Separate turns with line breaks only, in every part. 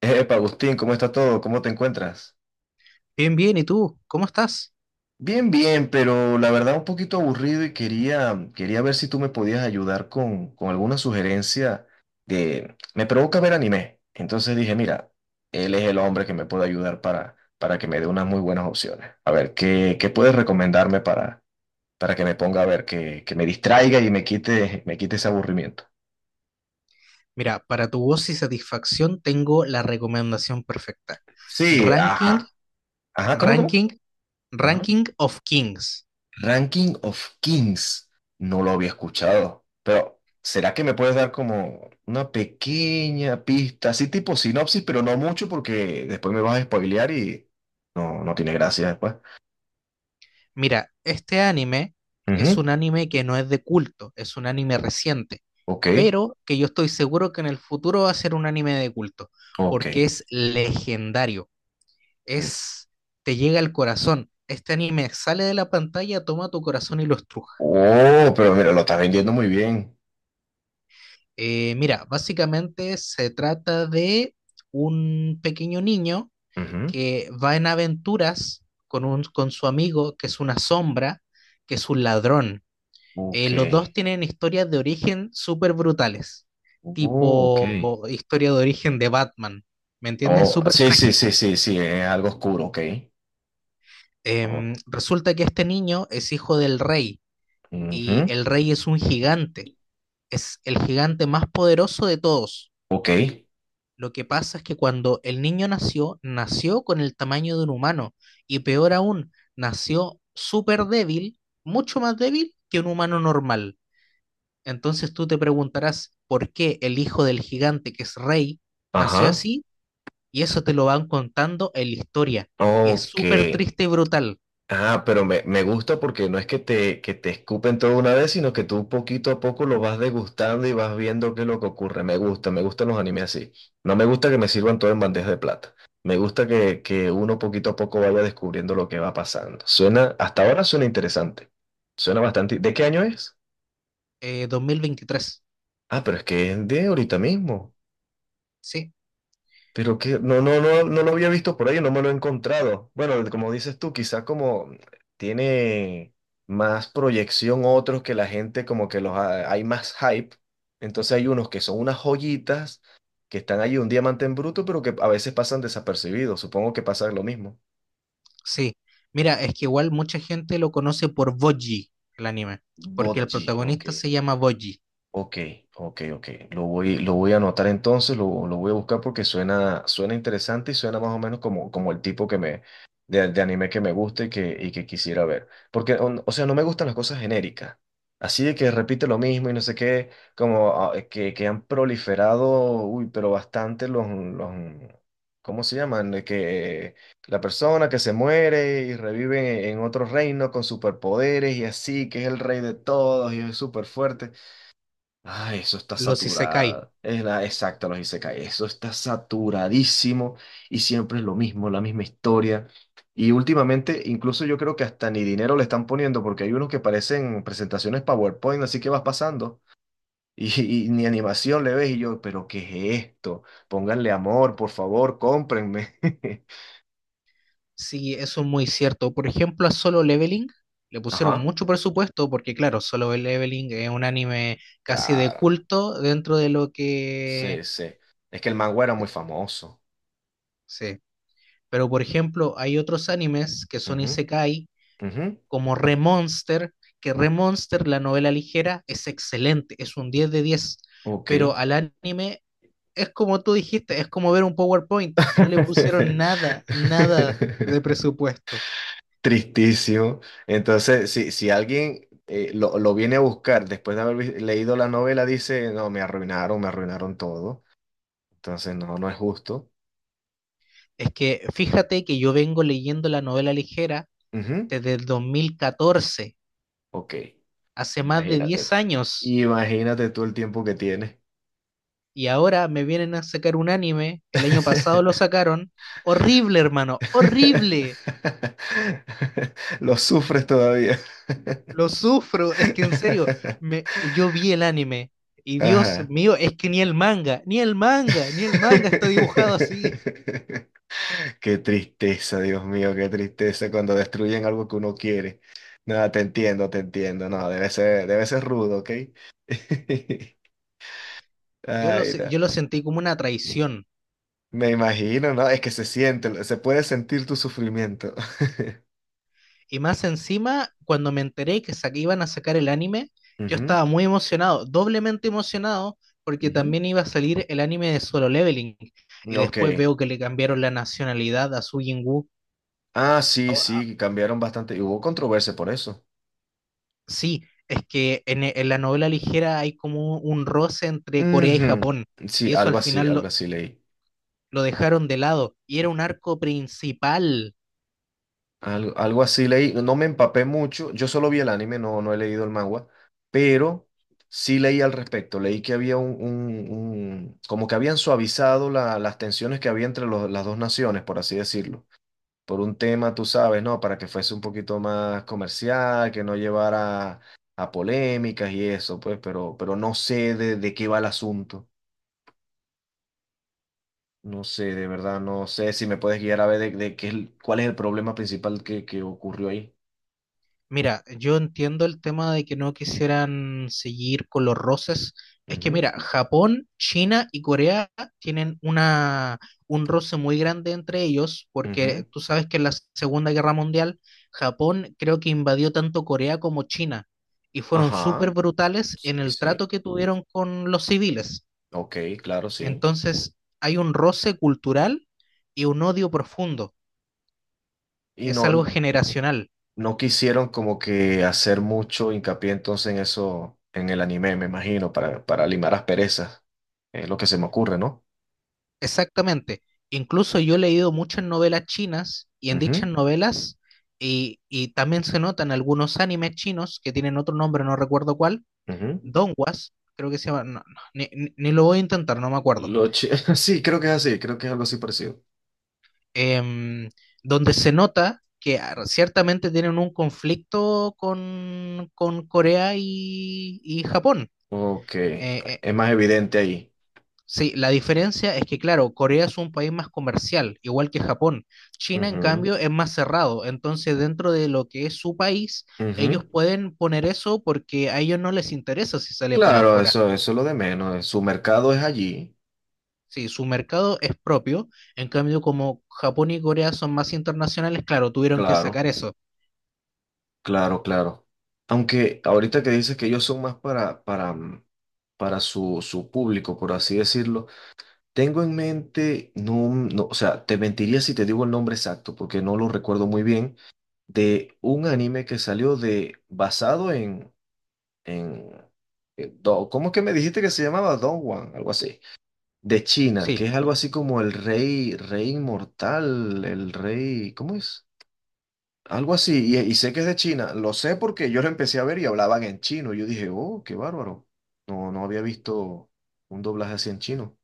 Epa, Agustín, ¿cómo está todo? ¿Cómo te encuentras?
Bien, bien, ¿y tú? ¿Cómo estás?
Bien, bien, pero la verdad un poquito aburrido y quería ver si tú me podías ayudar con alguna sugerencia de... Me provoca ver anime. Entonces dije, mira, él es el hombre que me puede ayudar para que me dé unas muy buenas opciones. A ver, ¿qué puedes recomendarme para que me ponga a ver, que me distraiga y me quite ese aburrimiento?
Mira, para tu voz y satisfacción tengo la recomendación perfecta.
Sí,
Ranking,
ajá. Ajá, ¿cómo?
ranking,
Ajá.
ranking of Kings.
Ranking of Kings, no lo había escuchado, pero ¿será que me puedes dar como una pequeña pista, así tipo sinopsis, pero no mucho porque después me vas a spoilear y no, no tiene gracia después?
Mira, este anime es
Ujú.
un anime que no es de culto, es un anime reciente,
Ok,
pero que yo estoy seguro que en el futuro va a ser un anime de culto,
ok.
porque es legendario,
Ujú.
es, te llega al corazón. Este anime sale de la pantalla, toma tu corazón y lo estruja.
Oh, pero mira, lo estás vendiendo muy bien.
Mira, básicamente se trata de un pequeño niño
Ujú.
que va en aventuras con su amigo, que es una sombra, que es un ladrón. Eh,
Ok,
los dos tienen historias de origen súper brutales,
oh, ok.
tipo historia de origen de Batman, ¿me entiendes?
Oh,
Súper
sí, sí,
trágico.
sí, sí, sí, es algo oscuro, ok. Oh,
Resulta que este niño es hijo del rey y
ujú,
el rey es un gigante, es el gigante más poderoso de todos.
ok,
Lo que pasa es que cuando el niño nació, nació con el tamaño de un humano y peor aún, nació súper débil, mucho más débil que un humano normal. Entonces tú te preguntarás por qué el hijo del gigante que es rey nació
ajá,
así y eso te lo van contando en la historia. Y es
ok.
súper triste y brutal.
Ah, pero me gusta porque no es que te escupen todo una vez, sino que tú poquito a poco lo vas degustando y vas viendo qué es lo que ocurre. Me gusta, me gustan los animes así. No me gusta que me sirvan todo en bandeja de plata. Me gusta que uno poquito a poco vaya descubriendo lo que va pasando. Suena, hasta ahora suena interesante. Suena bastante. ¿De qué año es?
2023.
Ah, pero es que es de ahorita mismo.
Sí,
Pero que no, no, no, no lo había visto por ahí, no me lo he encontrado. Bueno, como dices tú, quizás como tiene más proyección otros que la gente, como que hay más hype. Entonces hay unos que son unas joyitas que están ahí un diamante en bruto, pero que a veces pasan desapercibidos. Supongo que pasa lo mismo.
sí. Mira, es que igual mucha gente lo conoce por Boji, el anime, porque el
Botji, ok.
protagonista se llama Boji,
Ok, ok, ok. Lo voy a anotar entonces, lo voy a buscar porque suena, suena interesante y suena más o menos como, como el tipo que me, de anime que me gusta y que quisiera ver. Porque, o sea, no me gustan las cosas genéricas. Así de que repite lo mismo y no sé qué, como ah, que han proliferado, uy, pero bastante ¿cómo se llaman? De que la persona que se muere y revive en otro reino con superpoderes y así, que es el rey de todos y es súper fuerte. Ay, eso está
los Isekai.
saturada. Es la exacta, los isekai. Eso está saturadísimo y siempre es lo mismo, la misma historia. Y últimamente, incluso yo creo que hasta ni dinero le están poniendo porque hay unos que parecen presentaciones PowerPoint, así que vas pasando y ni animación le ves. Y yo, ¿pero qué es esto? Pónganle amor, por favor, cómprenme.
Sí, eso es muy cierto. Por ejemplo, a Solo Leveling le pusieron
Ajá,
mucho presupuesto porque, claro, Solo Leveling es un anime casi de
claro.
culto dentro de lo que...
Sí, sí. Es que el manga era muy famoso.
Sí. Pero, por ejemplo, hay otros animes que son
Ujú,
isekai,
ujú.
como Remonster, que Remonster, la novela ligera, es excelente, es un 10 de diez.
Ok.
Pero al anime es como tú dijiste, es como ver un PowerPoint. No le pusieron nada, nada de presupuesto.
Tristísimo. Entonces, si alguien lo viene a buscar después de haber leído la novela, dice, no, me arruinaron todo. Entonces, no, no es justo.
Es que fíjate que yo vengo leyendo la novela ligera
Ujú.
desde el 2014,
Ok,
hace más de
imagínate
10
tú.
años,
Imagínate tú el tiempo que tienes.
y ahora me vienen a sacar un anime, el año pasado lo sacaron, horrible hermano, horrible,
Lo sufres todavía.
lo sufro, es que en serio, yo vi el anime, y Dios
Ajá.
mío, es que ni el manga, ni el manga, ni el manga está dibujado así.
Qué tristeza, Dios mío, qué tristeza cuando destruyen algo que uno quiere. Nada, te entiendo, te entiendo. No, debe ser rudo, ¿ok? Ay, no.
Yo lo sentí como una traición.
Me imagino, ¿no? Es que se siente, se puede sentir tu sufrimiento.
Y más encima, cuando me enteré que que iban a sacar el anime, yo
Ujú,
estaba muy emocionado, doblemente emocionado, porque
ujú.
también iba a salir el anime de Solo Leveling. Y
Ok.
después veo que le cambiaron la nacionalidad a Su Jin-woo.
Ah,
Ah,
sí,
ah,
sí, cambiaron bastante. Y hubo controversia por eso.
Sí, es que en la novela ligera hay como un roce entre Corea y
Ujú.
Japón.
Sí,
Y eso al final lo,
algo así leí.
lo dejaron de lado. Y era un arco principal.
Algo, algo así leí, no me empapé mucho, yo solo vi el anime, no, no he leído el manga, pero sí leí al respecto, leí que había un, como que habían suavizado las tensiones que había entre las dos naciones, por así decirlo, por un tema, tú sabes, ¿no? Para que fuese un poquito más comercial, que no llevara a polémicas y eso, pues, pero no sé de qué va el asunto. No sé, de verdad, no sé si me puedes guiar a ver de qué, ¿cuál es el problema principal que ocurrió ahí?
Mira, yo entiendo el tema de que no quisieran seguir con los roces. Es que
Ujú,
mira, Japón, China y Corea tienen un roce muy grande entre ellos,
ujú.
porque tú sabes que en la Segunda Guerra Mundial, Japón creo que invadió tanto Corea como China, y fueron súper
Ajá,
brutales en
sí,
el
sí,
trato que tuvieron con los civiles.
ok, claro, sí.
Entonces, hay un roce cultural y un odio profundo.
Y
Es algo
no,
generacional.
no quisieron como que hacer mucho hincapié entonces en eso, en el anime, me imagino, para limar asperezas, es lo que se me ocurre, no.
Exactamente. Incluso yo he leído muchas novelas chinas y en dichas
Ujú,
novelas y también se notan algunos animes chinos que tienen otro nombre, no recuerdo cuál,
ujú.
Donghuas, creo que se llama, no, no, ni lo voy a intentar, no me acuerdo.
Lo chi- sí, creo que es así, creo que es algo así parecido.
Em, donde se nota que ciertamente tienen un conflicto con Corea y Japón.
Ok,
Eh, eh,
es más evidente ahí.
Sí, la diferencia es que, claro, Corea es un país más comercial, igual que Japón. China, en
Ujú,
cambio, es más cerrado. Entonces, dentro de lo que es su país, ellos
ujú.
pueden poner eso porque a ellos no les interesa si sale para
Claro,
afuera.
eso es lo de menos, su mercado es allí,
Sí, su mercado es propio. En cambio, como Japón y Corea son más internacionales, claro, tuvieron que
claro.
sacar eso.
Claro, claro. Aunque ahorita que dices que ellos son más para su, su público, por así decirlo, tengo en mente, no, no, o sea, te mentiría si te digo el nombre exacto, porque no lo recuerdo muy bien, de un anime que salió de, basado en, en ¿cómo es que me dijiste que se llamaba? Don Juan, algo así, de China, que
Sí,
es algo así como el rey, rey inmortal, el rey, ¿cómo es? Algo así, y sé que es de China. Lo sé porque yo lo empecé a ver y hablaban en chino. Yo dije, oh, qué bárbaro. No, no había visto un doblaje así en chino.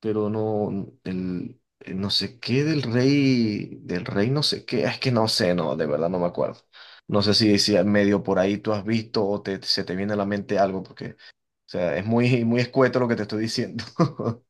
Pero no, el no sé qué del rey no sé qué. Es que no sé, no, de verdad no me acuerdo. No sé si decía medio por ahí tú has visto o te, se te viene a la mente algo, porque, o sea, es muy, muy escueto lo que te estoy diciendo.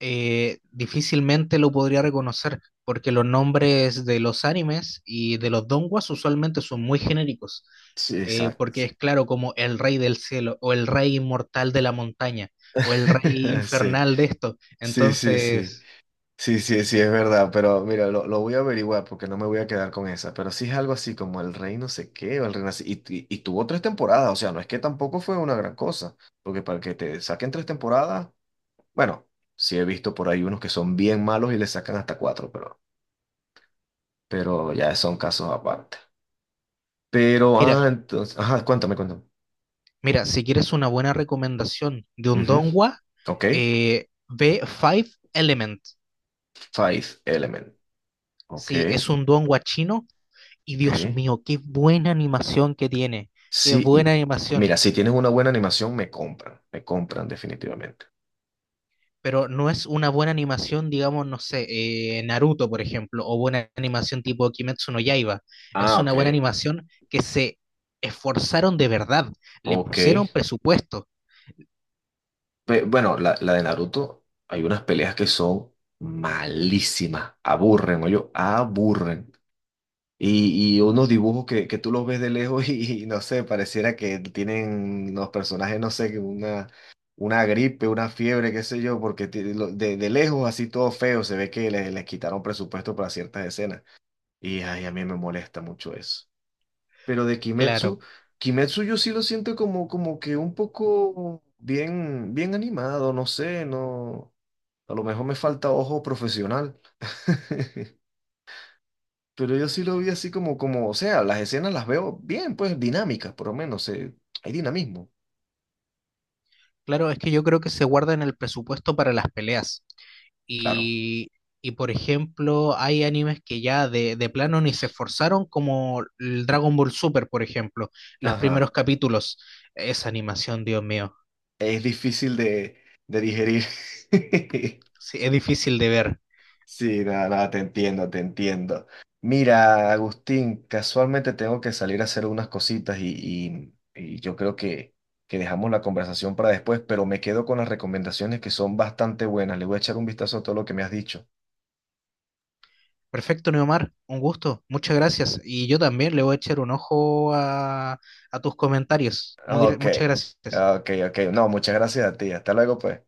difícilmente lo podría reconocer porque los nombres de los animes y de los donguas usualmente son muy genéricos.
Sí,
eh,
exacto.
porque es claro como el rey del cielo, o el rey inmortal de la montaña, o el rey
Sí,
infernal de esto.
sí, sí, sí.
Entonces,
Sí, sí, sí, es verdad, pero mira, lo voy a averiguar porque no me voy a quedar con esa, pero sí es algo así como el rey no sé qué, o el rey no sé- y tuvo tres temporadas, o sea, no es que tampoco fue una gran cosa, porque para que te saquen tres temporadas, bueno, sí he visto por ahí unos que son bien malos y le sacan hasta cuatro, pero ya son casos aparte. Pero,
mira,
ah, entonces, ajá, cuéntame, cuéntame.
mira, si quieres una buena recomendación de un
Ujú.
donghua,
Ok,
ve Five Element.
Five Element, ok,
Sí, es un donghua chino, y Dios
ok.
mío, qué buena animación que tiene, qué
Sí,
buena
mira,
animación.
si tienes una buena animación, me compran definitivamente.
Pero no es una buena animación, digamos, no sé, Naruto, por ejemplo, o buena animación tipo Kimetsu no Yaiba. Es
Ah,
una
ok.
buena animación que se esforzaron de verdad, le
Ok.
pusieron presupuesto.
Bueno, la de Naruto, hay unas peleas que son malísimas. Aburren, oye, aburren. Y unos dibujos que tú los ves de lejos y no sé, pareciera que tienen los personajes, no sé, que una gripe, una fiebre, qué sé yo, porque de lejos así todo feo, se ve que les quitaron presupuesto para ciertas escenas. Y ay, a mí me molesta mucho eso. Pero de
Claro,
Kimetsu, Kimetsu yo sí lo siento como, como que un poco bien, bien animado, no sé, no, a lo mejor me falta ojo profesional. Pero yo sí lo vi así como, como, o sea, las escenas las veo bien, pues dinámicas, por lo menos, hay dinamismo,
claro, es que yo creo que se guardan el presupuesto para las peleas.
claro.
Y, y por ejemplo, hay animes que ya de plano ni se esforzaron, como el Dragon Ball Super, por ejemplo, los primeros
Ajá,
capítulos. Esa animación, Dios mío,
es difícil de digerir.
sí, es difícil de ver.
Sí, nada, nada, te entiendo, te entiendo. Mira, Agustín, casualmente tengo que salir a hacer unas cositas y, y yo creo que dejamos la conversación para después, pero me quedo con las recomendaciones que son bastante buenas. Le voy a echar un vistazo a todo lo que me has dicho.
Perfecto, Neomar, un gusto, muchas gracias. Y yo también le voy a echar un ojo a, tus comentarios.
Ok,
Muchas gracias.
ok, ok. No, muchas gracias a ti. Hasta luego, pues.